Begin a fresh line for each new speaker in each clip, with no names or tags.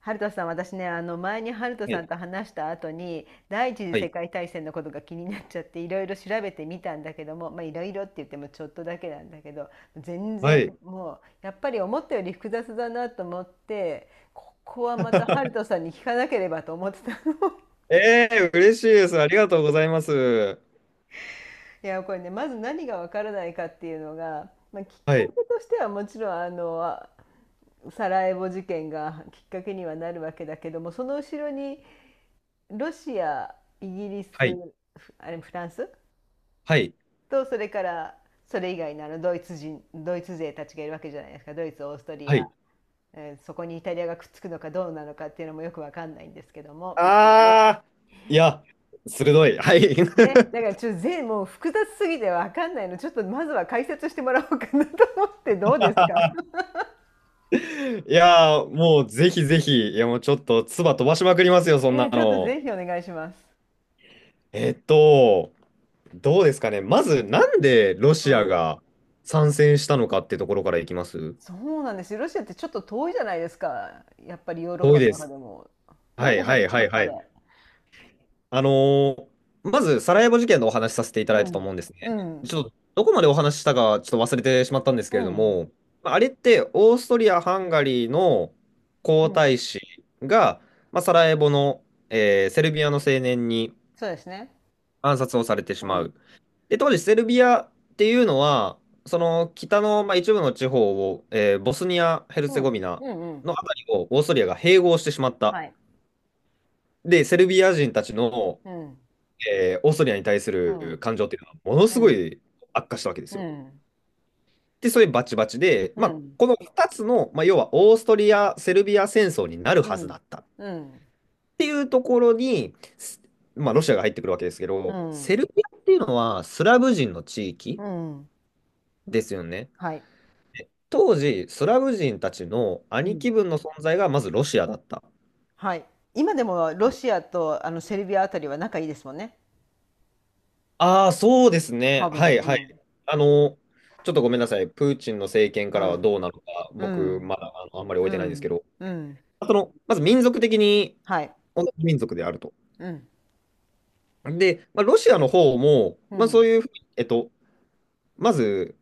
ハルトさん、私ね、前にハルト
は
さん
い。
と話した後に、第一次
は
世
い。
界大戦のことが気になっちゃって、いろいろ調べてみたんだけども、まあいろいろって言ってもちょっとだけなんだけど、全
はい。
然もう、やっぱり思ったより複雑だなと思って、ここはまたハルト さんに聞かなければと思ってたの。
ええー嬉しいです。ありがとうございます。
いや、これね、まず何がわからないかっていうのが、まあ、きっ
は
か
い。
けとしてはもちろん、サラエボ事件がきっかけにはなるわけだけども、その後ろにロシア、イギリス、
はい。
フあれフランス
はい。
と、それからそれ以外のドイツ人、ドイツ勢たちがいるわけじゃないですか。ドイツ、オーストリ
は
ア、
い。
そこにイタリアがくっつくのかどうなのかっていうのもよくわかんないんですけども。
ああ、いや、鋭い。はい。
ね、だからちょっともう複雑すぎてわかんないの、ちょっとまずは解説してもらおうかなと思って、どうですか？
もうぜひぜひ、いや、もうちょっと、唾飛ばしまくりますよ、そ
い
んな
や、ちょっと
の。
ぜひお願いします。
えっと、どうですかね。まず、なんでロ
う
シア
ん。
が参戦したのかってところからいきます
そうなんですよ。ロシアってちょっと遠いじゃないですか。やっぱりヨーロッ
遠
パ
い
の
で
中
す。
でも。
は
なんで
い、
入
は
って
い、
きたん
は
で
い、
すか、
は
あれ。
い。あのーまず、サラエボ事件のお話しさせていた
う
だいたと
ん。
思うんですね。
う
ち
ん。
ょっと、どこまでお話ししたか、ちょっと忘れてしまったんです
う
けれど
ん、
も、まああれって、オーストリア・ハンガリーの皇
うん。
太子が、まあ、サラエボの、セルビアの青年に
そうですね。
暗殺をされてし
う
ま
ん、
う。で、当時、セルビアっていうのは、その北の、まあ、一部の地方を、ボスニア・ヘル
う
ツェゴ
ん、
ビナ
うん、うん。
のあたりをオーストリアが併合してしまった。
はい。
で、セルビア人たちの
うん、
オーストリアに対す
う
る
ん、
感情っていうのはもの
う
すご
ん、
い悪化したわけで
う
すよ。
ん、
で、それバチバチで、
う
まあ、
ん、
この2つの、まあ、要はオーストリア・セルビア戦争になる
う
はずだ
ん、
ったっ
うん、
ていうところに、すまあ、ロシアが入ってくるわけですけ
う
ど、
ん、
セルビアっていうのはスラブ人の地
う
域
ん。
ですよね。
はい。
当時、スラブ人たちの
う
兄
ん、
貴分の存在がまずロシアだった。
はい。今でもロシアとセルビアあたりは仲いいですもんね。
ああ、そうです
多
ね。は
分。
い
う
はい。
ん。
あの、ちょっとごめんなさい。プーチンの政権か
う
らは
ん。
どうなのか、
う
僕、
ん。
まだあの、あんまり置い
う
てないんですけ
ん。
ど、
うん。
その、まず民族的に
はい。
同じ民族であると。
うん。
で、まあ、ロシアの方も、
う
まあ、そう
ん。
いうふうに、まず、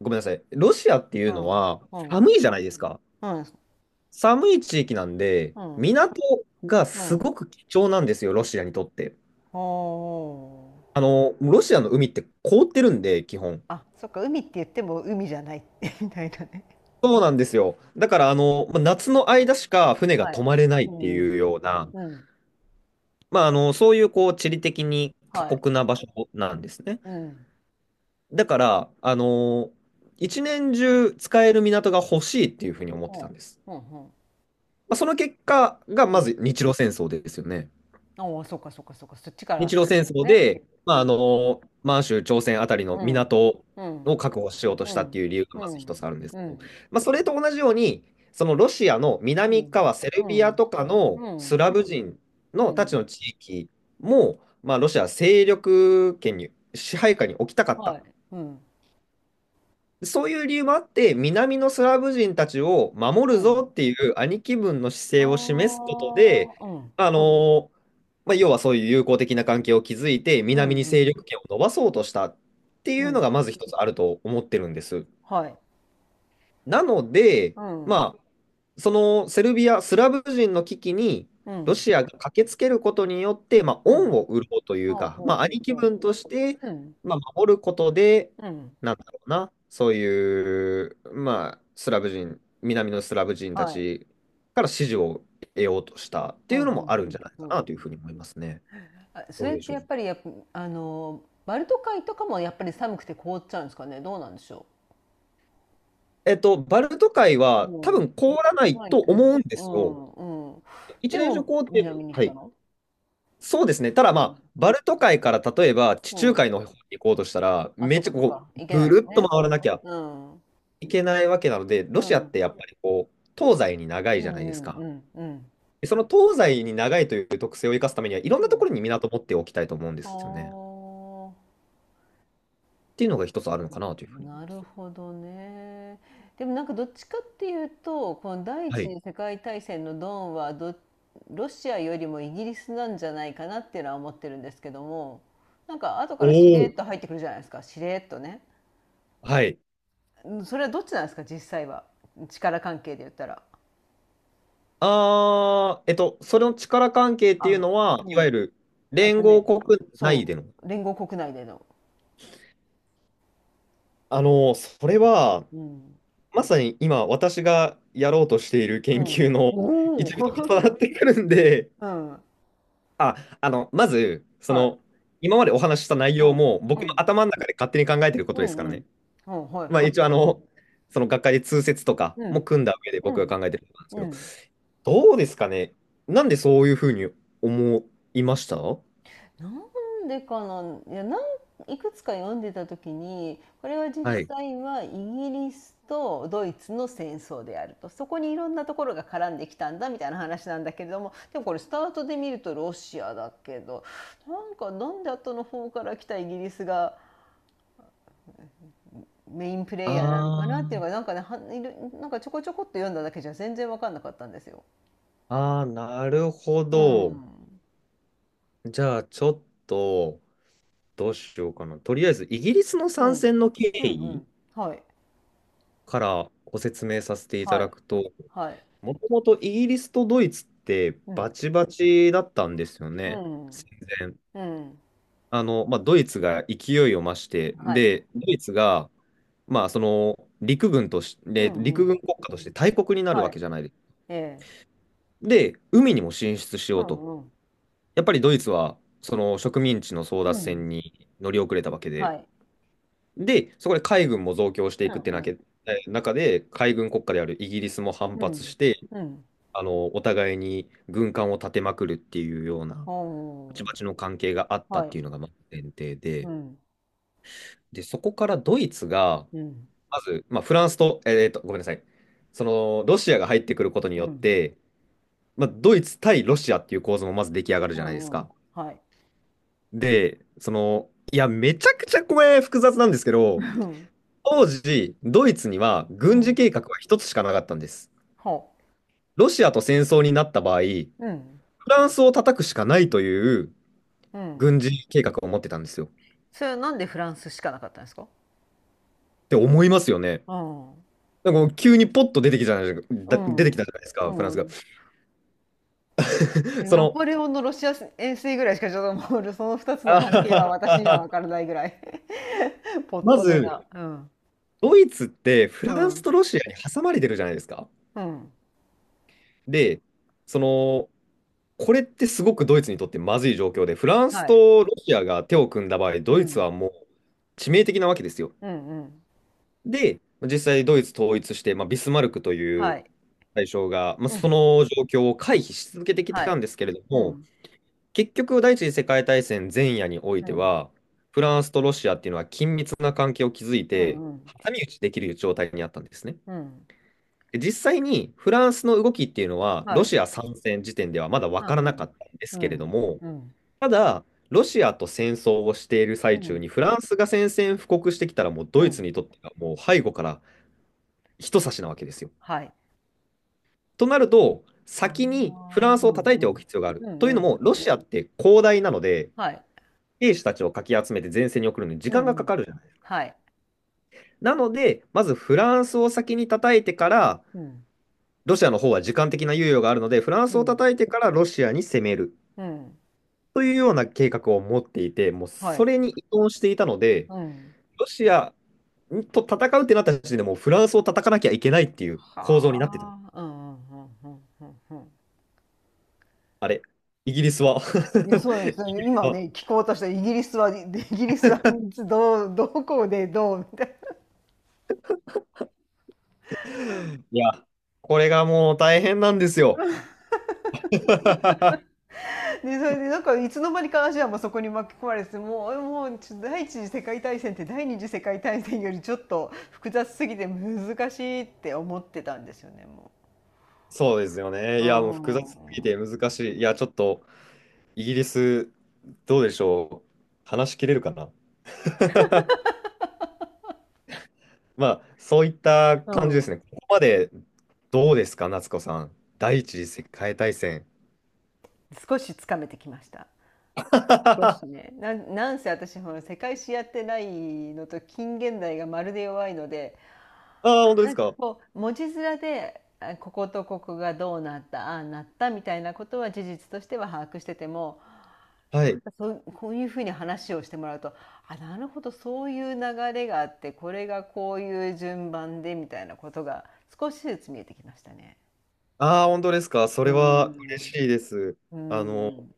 ごめんなさい。ロシアってい
う
うの
ん。
は、
うん。
寒いじゃないですか。
うん。
寒い地域なんで、
うん。
港が
う
す
ん。
ごく貴重なんですよ、ロシアにとって。
お
あ
ー。
の、ロシアの海って凍ってるんで、基本。
あ、そっか、海って言っても海じゃない みたいなね。
そうなんですよ。だから、あの、まあ夏の間しか船が
は
泊
い。
まれないっ
う
て
んう
いう
ん。
ような、
うん。
まあ、あの、そういう、こう、地理的に過
はい。
酷な場所なんですね。
うん。
だから、あの、一年中使える港が欲しいっていうふうに思ってたん
ほ
です。
う。うん、うん。
まあ、その結果が、
う
ま
ん。
ず日露戦争ですよね。
おお、そっかそっかそっか。そっちか
日
ら
露
先
戦
です
争
ね。
で、ま
う
あ、あ
ん。
の、満州、朝鮮あたりの
うん。
港
う
を
ん。
確保しようと
う
したってい
ん。
う理由が
う
まず一
ん。
つあるんです
う
けど、
ん。
まあ、それと同じように、そのロシアの
う
南
ん。
側、セル
う
ビア
ん。
とかの
う
ス
ん。
ラブ人
う
のた
ん。
ちの地域も、まあ、ロシアは勢力圏に、支配下に置きたかっ
は
た
い。うん。
そういう理由もあって、南のスラブ人たちを守
う
るぞ
ん。
っていう兄貴分の姿
あ
勢を示すことで、
あ、うん。
あのまあ、要はそういう友好的な関係を築いて、
う
南
ん。
に
う
勢
ん。
力圏を伸ばそうとしたってい
う
うのが、
ん。
まず一つあると思ってるんです。
はい。
なので、
うん。
まあ、そのセルビア、スラブ人の危機に
う
ロ
ん。
シアが駆けつけることによって、まあ、
うん。
恩を売ろうとい
あ
う
あ、
か、
ほ
ま
う
あ、
ほう
兄貴
ほ
分として、
う。うん。
まあ、守ることで、
うん。
なんだろうな、そういう、まあ、スラブ人、南のスラブ人た
はい。
ちから支持を得ようとしたって
う
い
ん。う
うのもあるんじ
ん。
ゃない
う
か
ん。
なというふうに思いますね。
あ、そ
どう
れっ
でし
て
ょ
や
う。
っぱりやっぱ、バルト海とかもやっぱり寒くて凍っちゃうんですかね。どうなんでしょ
バルト海
う。
は多
うん。
分凍らない
怖い
と
け
思
ど。
うんで
う
すよ。
ん、うん。
一
で
連諸
も、
行程、
南に行っ
は
た
い。
の、
そうですね。ただ
うん。
まあ、バルト海から例えば地
う
中
ん。
海の方に行こうとしたら、
あ、
め
そ
っ
っ
ち
か
ゃ
そっ
こう、
か。行けな
ぐ
いです
るっと
ね。
回らなきゃ
うん。うん。
いけないわけなので、
う
ロシアって
ん
やっぱりこう、東西に長
う
いじゃないです
んう
か。
んうん。
でその東西に長いという特性を生かすためには、いろん
う
なとこ
ん。
ろに港を持っておきたいと思うんですよね。
ああ。
っていうのが一つあるの かなというふうに思
な
いま
る
す。
ほどね。でもなんかどっちかっていうと、この第一
はい。
次世界大戦のドンはど、ロシアよりもイギリスなんじゃないかなっていうのは思ってるんですけども、なんか後か
お
らしれっ
お。
と入ってくるじゃないですか。しれっとね。
はい。
うん、それはどっちなんですか、実際は。力関係で言ったら。
あー、それの力関係っていう
あ、
のは、
う
いわゆ
ん。
る
あと
連合
ね、
国内
そ
での。
う。連合国内での。
あの、それは、
うん。
まさに今、私がやろうとしている研
う
究
ん。
の
お
一部と重
お。
なっ てくるんで、
うん。
あ、あの、まず、そ
はい。
の、今までお話しした内容
うん。
も、僕
う
の
ん。
頭の中で勝手に考えてるこ
う
とです
ん。
から
う
ね。
ん。うん。はい
まあ、
は
一応、
い
あ
はい。
の、その学会で通説とか
う
も
ん。
組んだ上で
う
僕が
ん。
考えてることなんですけ
う
ど、
ん。
どうですかね。なんでそういうふうに思いましたは
なんでかな、いや、なん、いくつか読んでた時に、これは実
い。
際はイギリスとドイツの戦争であると。そこにいろんなところが絡んできたんだみたいな話なんだけれども、でもこれスタートで見るとロシアだけど、なんかなんで後の方から来たイギリスがメインプ
あ
レイヤーなのかなっていう
ー
のが、なんかね、はいる、なんかちょこちょこっと読んだだけじゃ全然わかんなかったんですよ。
あー、なるほ
う
ど。
ん。
じゃあ、ちょっと、どうしようかな。とりあえず、イギリスの
う
参
ん。
戦の経
うんう
緯
ん。はい。
からご説明させていた
は
だ
い。
くと、
はい。
もともとイギリスとドイツって
う
バ
ん。
チバチだったんですよ
う
ね、
ん。
戦前。
うん。
あの、まあ、ドイツが勢いを増して、
はい。
で、ドイツが、まあ、その陸軍とし
う
て、
んう
陸
ん。
軍国家として大国になる
は
わ
い。
けじゃないです。
ええ。
で、海にも進出し
う
ようと。
んうん。
やっぱりドイツは、その植民地の争
う
奪
ん。
戦に乗り遅れたわけ
は
で、
い。
で、そこで海軍も増強して
う
いくっ
ん
てな
うん。
け、え中で、海軍国家であるイギリスも反
う
発
ん。
して、
うん。
あの、お互いに軍艦を立てまくるっていうような、
お
バチバ
ー。
チの関係があった
は
っ
い。
ていうのがまず前提
う
で、
ん。
で、そこからドイツが、
うん。
まず、まあ、フランスと、ごめんなさい、その、ロシアが入ってくることに
う
よっ
ん。
て、まあ、ドイツ対ロシアっていう構図もまず出来上がるじ
う
ゃないです
んうん。
か。
はい。
で、その、いや、めちゃくちゃこれ複雑なんですけ
う
ど、
ん。
当時、ドイツには
う
軍事
ん。
計画は一つしかなかったんです。
ほ
ロシアと戦争になった場合、フ
う。うん。
ランスを叩くしかないという
うん。
軍事計画を持ってたんですよ。っ
それはなんでフランスしかなかったんですか？
て思いますよね。
うん。
なんかもう急にポッと出てきたじゃない
う
だ出てき
ん。
たじゃないですか、フラン
う
スが。
ん。で
そ
ナ
の、
ポレオンのロシア遠征ぐらいしかちょっともう、その2つの
あ
関係は
は
私
は
には分か
は
らないぐらい。 ポッ
ま
トで
ず、
な。うん。
ドイツってフ
う
ランス
ん、
とロシアに挟まれてるじゃないですか。
うん、
で、その、これってすごくドイツにとってまずい状況で、フランス
はい。
とロシアが手を組んだ場合、
う
ドイツ
ん。
はもう致命的なわけですよ。
うん、うん。
で、実際ドイツ統一して、まあ、ビスマルクとい
は
う
い。
大将が、まあ、
う
そ
ん、
の状況を回避し続けてき
は
た
い。
んですけれど
う
も、
ん、
結局、第一次世界大戦前夜におい
う
て
ん、
は、フランスとロシアっていうのは緊密な関係を築い
う
て、
ん、うん、
挟み撃ちできる状態にあったんですね。
うん。
で実際にフランスの動きっていうのは、
は
ロ
い。
シア参戦時点ではまだ
う
分からな
ん
かったんで
う
すけれど
ん、
も、
うん、
ただ、ロシアと戦争をしている
う
最中
ん、
に、フランスが宣戦布告してきたら、もう
う
ドイツに
ん。
とってはもう背後から一差しなわけですよ。
はい。
となると、
ああ、
先にフランスを
うん
叩い
う
ておく
ん。
必要があ
う
る。とい
ん、
う
う
の
ん。
も、ロシアって広大なので、
はい。
兵士たちをかき集めて前線に送るのに時
う
間
ん、
が
う
か
ん。
かるじゃない。
はい。
なので、まずフランスを先に叩いてから、
うん、
ロシアの方は時間的な猶予があるので、フラン
う
スを
ん、
叩いてからロシアに攻める
うん、
というような計画を持っていて、もう
は
そ
い。
れに依存していたので、
うん。
ロシアと戦うってなった時点でもうフランスを叩かなきゃいけないっていう構造になってた。
はあ、うんうんうんうんうんうん。
あれ、イギリスは
いや、そうですね。今ね、
あ
聞こうとしたイギリスは、で、イギリスはどう、どこでどうみ、
いや、これがもう大変なんですよ。
でそれでなんかいつの間にかアジアもそこに巻き込まれて、もう第一次世界大戦って第二次世界大戦よりちょっと複雑すぎて難しいって思ってたんですよね、も
そうですよね。いや、もう複雑
う。
すぎて難しい。いや、ちょっとイギリス、どうでしょう。話し切れるかな まあ、そういった
う
感じで
んう
すね。
ん、
ここまでどうですか、夏子さん。第一次世界大戦。
少しつかめてきました。少し
あ
ね、なんせ私ほら世界史やってないのと近現代がまるで弱いので、
あ、本当で
な
す
んか
か。
こう文字面で、あ、こことここがどうなったああなったみたいなことは事実としては把握してても、
は
な
い。
んかそう、こういうふうに話をしてもらうと、あ、なるほど、そういう流れがあって、これがこういう順番でみたいなことが少しずつ見えてきましたね。
ああ、本当ですか。そ
うー
れは嬉
ん。
しいです。
うー
あの、
ん。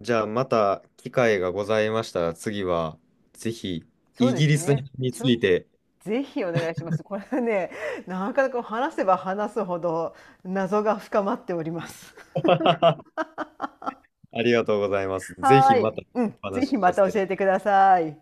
じゃあ、また機会がございましたら、次は、ぜひ、
そう
イ
で
ギ
す
リス
ね。
につ
ちょ
いて。
ぜひお願いします。これはね、なかなか話せば話すほど謎が深まっております。
ありがとうございます。ぜ
は
ひ
ー
ま
い。
た
うん、
お
ぜ
話
ひ
し
ま
させ
た教
て
えてください。